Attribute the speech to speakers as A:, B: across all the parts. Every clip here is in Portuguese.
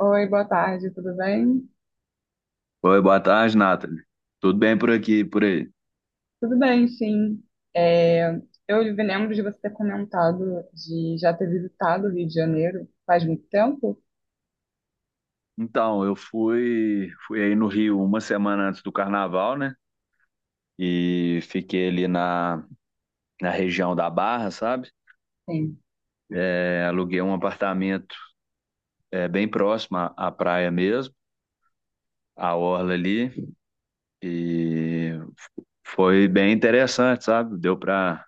A: Oi, boa tarde, tudo bem?
B: Oi, boa tarde, Nathalie. Tudo bem por aqui, e por aí?
A: Tudo bem, sim. É, eu lembro de você ter comentado de já ter visitado o Rio de Janeiro faz muito tempo?
B: Então, eu fui aí no Rio uma semana antes do carnaval, né? E fiquei ali na região da Barra, sabe?
A: Sim.
B: Aluguei um apartamento, bem próximo à praia mesmo, à orla ali. E foi bem interessante, sabe? Deu para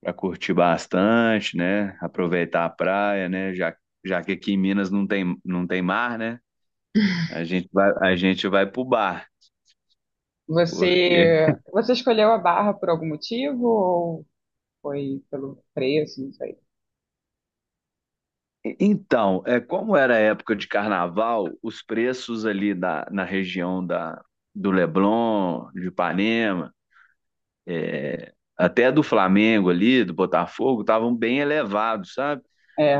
B: para curtir bastante, né? Aproveitar a praia, né? Já que aqui em Minas não tem mar, né? A gente vai pro bar. Porque...
A: Você escolheu a Barra por algum motivo ou foi pelo preço? Não sei.
B: Então, como era a época de carnaval, os preços ali da na região do Leblon, de Ipanema, até do Flamengo ali, do Botafogo, estavam bem elevados, sabe?
A: É,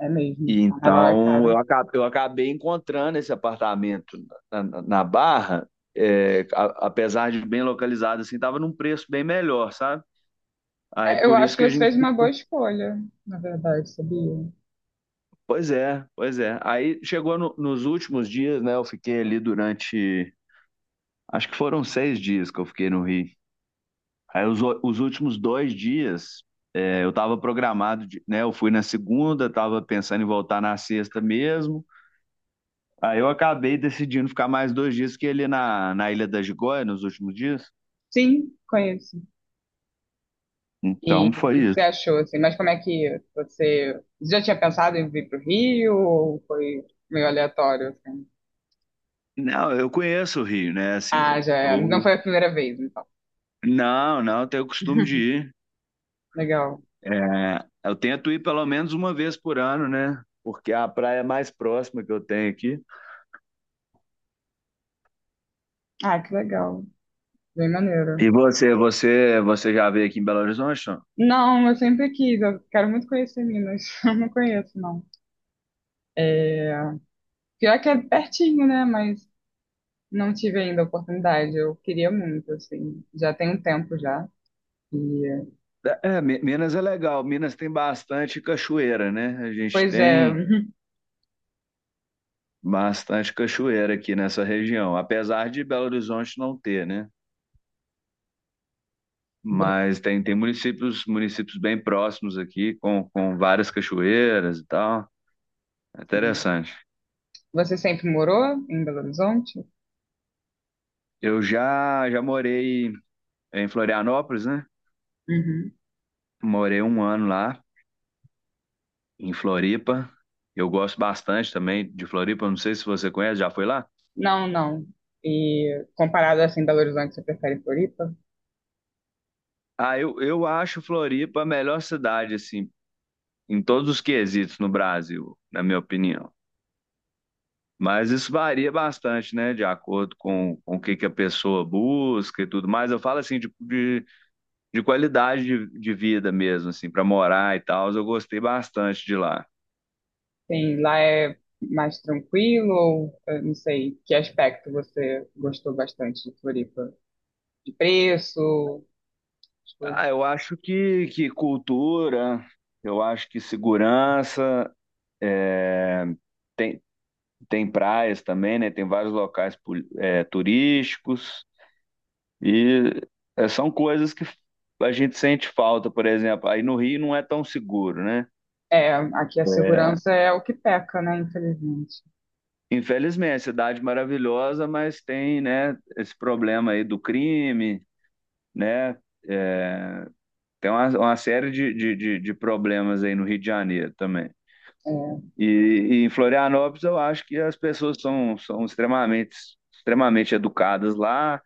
A: é mesmo.
B: E
A: Carnaval é
B: então eu
A: caro.
B: acabei, eu acabei encontrando esse apartamento na Barra, apesar de bem localizado, assim, estava num preço bem melhor, sabe? Aí
A: É, eu
B: por
A: acho
B: isso
A: que
B: que a
A: você
B: gente.
A: fez uma boa escolha, na verdade, sabia?
B: Pois é, pois é. Aí chegou nos últimos dias, né? Eu fiquei ali durante. Acho que foram 6 dias que eu fiquei no Rio. Aí os últimos 2 dias, eu estava programado, né? Eu fui na segunda, estava pensando em voltar na sexta mesmo. Aí eu acabei decidindo ficar mais 2 dias que ele na Ilha da Gigoia nos últimos dias.
A: Sim, conheço. E
B: Então
A: o
B: foi
A: que que você
B: isso.
A: achou, assim? Mas como é que você. Você já tinha pensado em vir pro Rio ou foi meio aleatório, assim?
B: Não, eu conheço o Rio, né? Assim,
A: Ah,
B: eu,
A: já é. Não
B: eu...
A: foi a primeira vez, então.
B: Não, não, eu tenho o costume de ir.
A: Legal.
B: Eu tento ir pelo menos uma vez por ano, né? Porque é a praia mais próxima que eu tenho aqui.
A: Ah, que legal. Bem maneiro.
B: E você já veio aqui em Belo Horizonte? Não?
A: Não, eu sempre quis. Eu quero muito conhecer Minas. Eu não conheço, não. É. Pior que é pertinho, né? Mas não tive ainda a oportunidade. Eu queria muito, assim. Já tem um tempo já. E.
B: Minas é legal. Minas tem bastante cachoeira, né? A gente
A: Pois é.
B: tem bastante cachoeira aqui nessa região, apesar de Belo Horizonte não ter, né?
A: Você,
B: Mas tem municípios, municípios bem próximos aqui, com várias cachoeiras e tal. É interessante.
A: você sempre morou em Belo Horizonte?
B: Eu já morei em Florianópolis, né?
A: Uhum.
B: Morei um ano lá, em Floripa. Eu gosto bastante também de Floripa. Não sei se você conhece, já foi lá?
A: Não, não. E comparado assim, Belo Horizonte, você prefere Floripa?
B: Ah, eu acho Floripa a melhor cidade, assim, em todos os quesitos no Brasil, na minha opinião. Mas isso varia bastante, né, de acordo com o que a pessoa busca e tudo mais. Eu falo, assim, de qualidade de vida mesmo, assim, para morar e tal. Eu gostei bastante de lá.
A: Sim, lá é mais tranquilo ou eu não sei, que aspecto você gostou bastante de Floripa? De preço, as
B: Ah,
A: coisas.
B: eu acho que cultura, eu acho que segurança. É, tem, tem praias também, né? Tem vários locais turísticos e são coisas que a gente sente falta, por exemplo. Aí no Rio não é tão seguro, né?
A: É, aqui a segurança é o que peca, né? Infelizmente.
B: Infelizmente, é cidade maravilhosa, mas tem, né, esse problema aí do crime, né? É, Tem uma série de problemas aí no Rio de Janeiro também.
A: É,
B: E em Florianópolis eu acho que as pessoas são extremamente, extremamente educadas lá.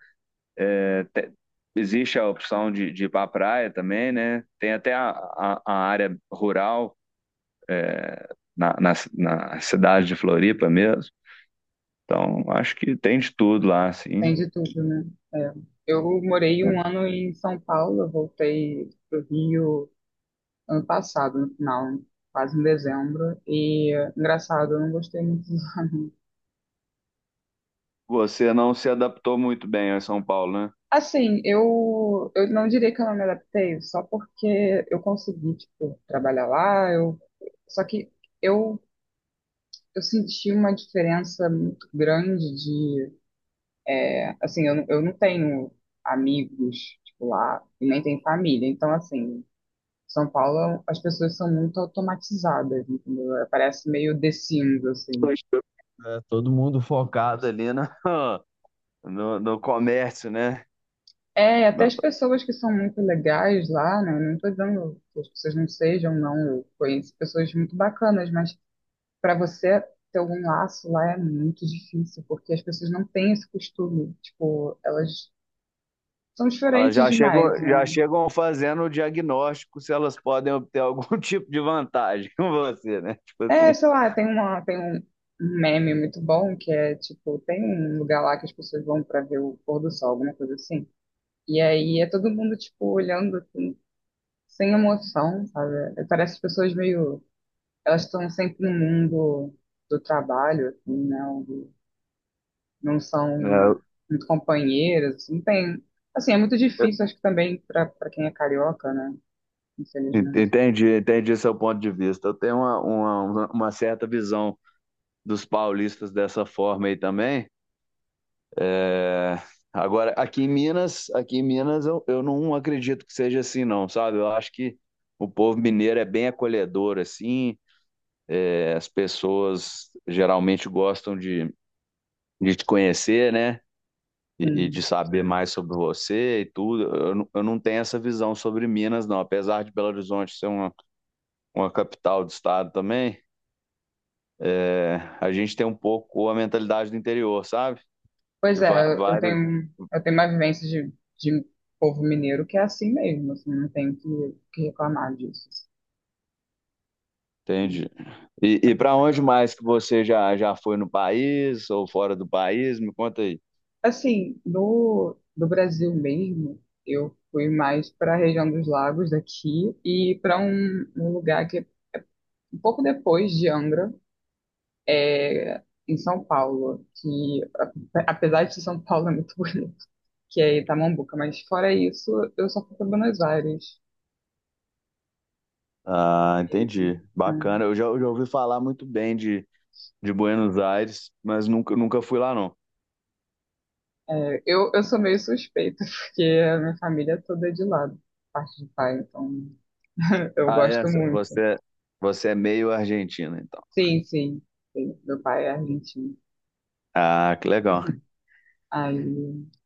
B: Te- Existe a opção de ir para a praia também, né? Tem até a área rural na cidade de Floripa mesmo. Então, acho que tem de tudo lá,
A: tem
B: assim.
A: de tudo, né? É. Eu morei um ano em São Paulo, eu voltei pro Rio ano passado, no final, quase em dezembro. E engraçado, eu não gostei muito.
B: Você não se adaptou muito bem a São Paulo, né?
A: Assim, eu não diria que eu não me adaptei, só porque eu consegui, tipo, trabalhar lá, eu, só que eu, eu, senti uma diferença muito grande de, assim, eu, eu não tenho amigos, tipo, lá, e nem tenho família, então, assim, São Paulo, as pessoas são muito automatizadas, entendeu? Parece meio The Sims, assim.
B: Pois é, todo mundo focado ali no, no comércio, né?
A: É, até as
B: No-
A: pessoas que são muito legais lá, né? Não tô dizendo que as pessoas não sejam, não. Eu conheço pessoas muito bacanas, mas para você ter algum laço lá é muito difícil, porque as pessoas não têm esse costume. Tipo, elas são
B: Elas
A: diferentes
B: já chegam,
A: demais,
B: já
A: né?
B: chegam fazendo o diagnóstico se elas podem obter algum tipo de vantagem com você, né? Tipo
A: É,
B: assim.
A: sei lá, tem uma, tem um meme muito bom que é tipo, tem um lugar lá que as pessoas vão para ver o pôr do sol, alguma coisa assim. E aí é todo mundo, tipo, olhando assim, sem emoção, sabe? É, parece as pessoas meio. Elas estão sempre no mundo do trabalho, assim, né? Não são
B: Né?
A: muito companheiras, assim, não tem. Assim, é muito difícil, acho que também para quem é carioca, né? Infelizmente.
B: Entendi, entendi seu ponto de vista. Eu tenho uma certa visão dos paulistas dessa forma aí também. É, Agora, aqui em Minas eu não acredito que seja assim, não, sabe? Eu acho que o povo mineiro é bem acolhedor, assim. As pessoas geralmente gostam de te conhecer, né? E de
A: Sim.
B: saber mais sobre você e tudo. Eu não tenho essa visão sobre Minas, não. Apesar de Belo Horizonte ser uma capital do estado também, a gente tem um pouco a mentalidade do interior, sabe?
A: Pois
B: De
A: é,
B: va- vários,
A: eu tenho uma vivência de povo mineiro que é assim mesmo, assim, não tem que reclamar disso. Assim.
B: entende? E para onde mais que você já foi no país ou fora do país? Me conta aí.
A: Assim, no Brasil mesmo, eu fui mais para a região dos lagos daqui e para um lugar que é um pouco depois de Angra, é, em São Paulo, que apesar de São Paulo é muito bonito, que é Itamambuca, mas fora isso, eu só fui para Buenos Aires
B: Ah, entendi.
A: mesmo.
B: Bacana. Eu já ouvi falar muito bem de Buenos Aires, mas nunca fui lá, não.
A: Eu sou meio suspeita, porque a minha família toda é de lá, parte de pai, então eu
B: Ah, é?
A: gosto muito.
B: Você é meio argentino, então.
A: Sim, sim, sim, meu pai é argentino.
B: Ah, que legal.
A: Aí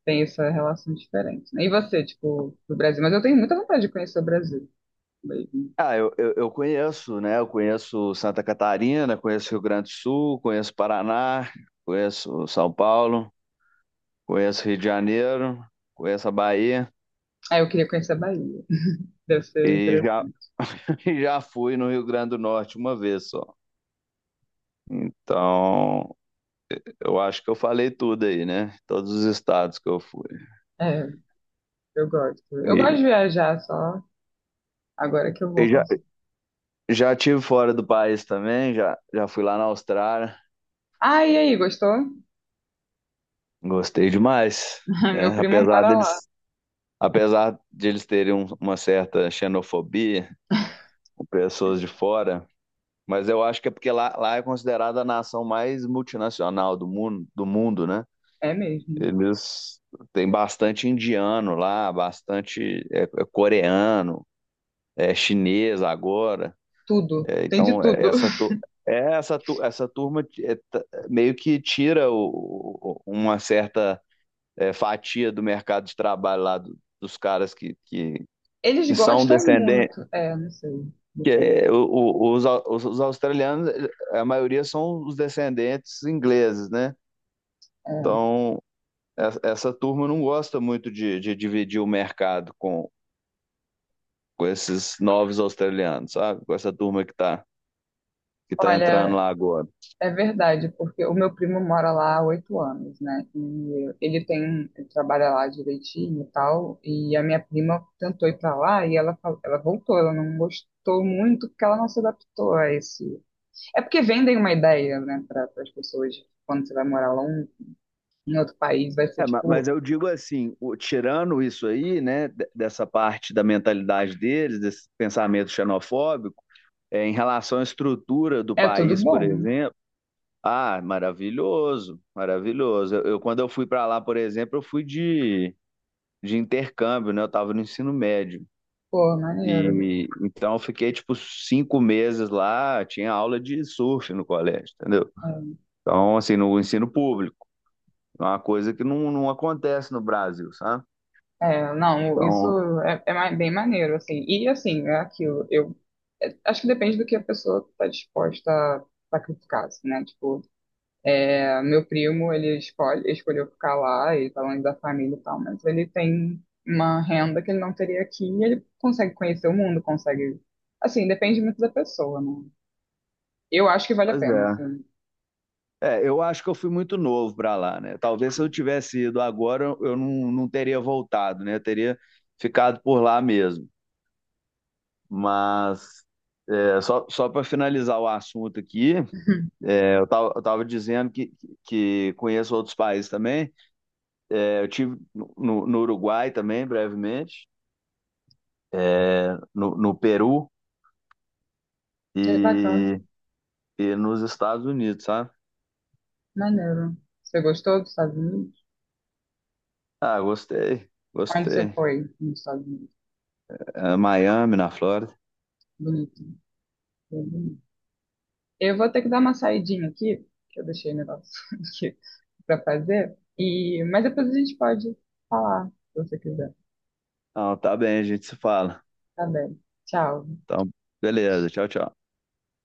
A: tem essa relação diferente, né? E você, tipo, do Brasil? Mas eu tenho muita vontade de conhecer o Brasil mesmo.
B: Ah, eu conheço, né? Eu conheço Santa Catarina, conheço Rio Grande do Sul, conheço Paraná, conheço São Paulo. Conheço Rio de Janeiro, conheço a Bahia
A: Aí eu queria conhecer a Bahia. Deve ser
B: e já,
A: interessante.
B: e já fui no Rio Grande do Norte uma vez só. Então, eu acho que eu falei tudo aí, né? Todos os estados que eu fui.
A: É, eu gosto. Eu gosto
B: E,
A: de viajar só agora que eu
B: e
A: vou
B: já,
A: passar.
B: já tive fora do país também, já fui lá na Austrália,
A: Ah, e aí, gostou?
B: gostei demais,
A: Meu
B: né?
A: primo
B: Apesar
A: mora lá.
B: deles, apesar de eles terem uma certa xenofobia com pessoas de fora, mas eu acho que é porque lá é considerada a nação mais multinacional do mundo, né?
A: É mesmo.
B: Eles têm bastante indiano lá, bastante coreano, chinês agora.
A: Tudo.
B: É,
A: Tem de
B: então, é,
A: tudo.
B: essa turma meio que tira uma certa fatia do mercado de trabalho lá dos caras que, que,
A: Eles
B: que são
A: gostam
B: descendentes.
A: muito. É, não sei.
B: Que,
A: Depende.
B: é, o- os, au- os australianos, a maioria são os descendentes ingleses, né?
A: É.
B: Então, essa turma não gosta muito de dividir o mercado com esses novos australianos, sabe? Com essa turma que tá entrando
A: Olha,
B: lá agora.
A: é verdade, porque o meu primo mora lá há 8 anos, né? E ele ele trabalha lá direitinho e tal. E a minha prima tentou ir pra lá e ela, ela voltou. Ela não gostou muito porque ela não se adaptou a esse. É porque vendem uma ideia, né, para as pessoas, tipo, quando você vai morar lá em outro país, vai ser
B: Mas
A: tipo,
B: eu digo assim, tirando isso aí, né, dessa parte da mentalidade deles, desse pensamento xenofóbico, em relação à estrutura do
A: é tudo
B: país, por
A: bom,
B: exemplo, ah, maravilhoso, maravilhoso. Quando eu fui para lá, por exemplo, eu fui de intercâmbio, né, eu estava no ensino médio.
A: pô, maneiro, né?
B: E então eu fiquei tipo 5 meses lá, tinha aula de surf no colégio, entendeu? Então, assim, no ensino público, é uma coisa que não acontece no Brasil, sabe?
A: É, é, não,
B: Então,
A: isso é bem maneiro, assim. E assim, é aquilo, eu acho que depende do que a pessoa está disposta a sacrificar, assim, né? Tipo, meu primo, ele escolheu ficar lá e tá longe da família e tal, mas ele tem uma renda que ele não teria aqui e ele consegue conhecer o mundo, consegue. Assim, depende muito da pessoa, né? Eu acho que vale a
B: pois
A: pena,
B: é.
A: assim.
B: Eu acho que eu fui muito novo para lá, né? Talvez se eu tivesse ido agora, eu não teria voltado, né? Eu teria ficado por lá mesmo. Mas, só para finalizar o assunto aqui, eu tava dizendo que conheço outros países também. Eu tive no Uruguai também, brevemente, no Peru
A: É bacana,
B: e, e nos Estados Unidos, sabe?
A: maneiro. Você gostou dos Estados Unidos?
B: Ah, gostei,
A: Onde você
B: gostei.
A: foi nos Estados Unidos?
B: Miami, na Flórida.
A: Bonito. Bem bonito. Eu vou ter que dar uma saidinha aqui, que eu deixei o negócio aqui para fazer. E. Mas depois a gente pode falar, se você quiser.
B: Então, tá bem, a gente se fala.
A: Tá bem. Tchau.
B: Então, beleza, tchau, tchau.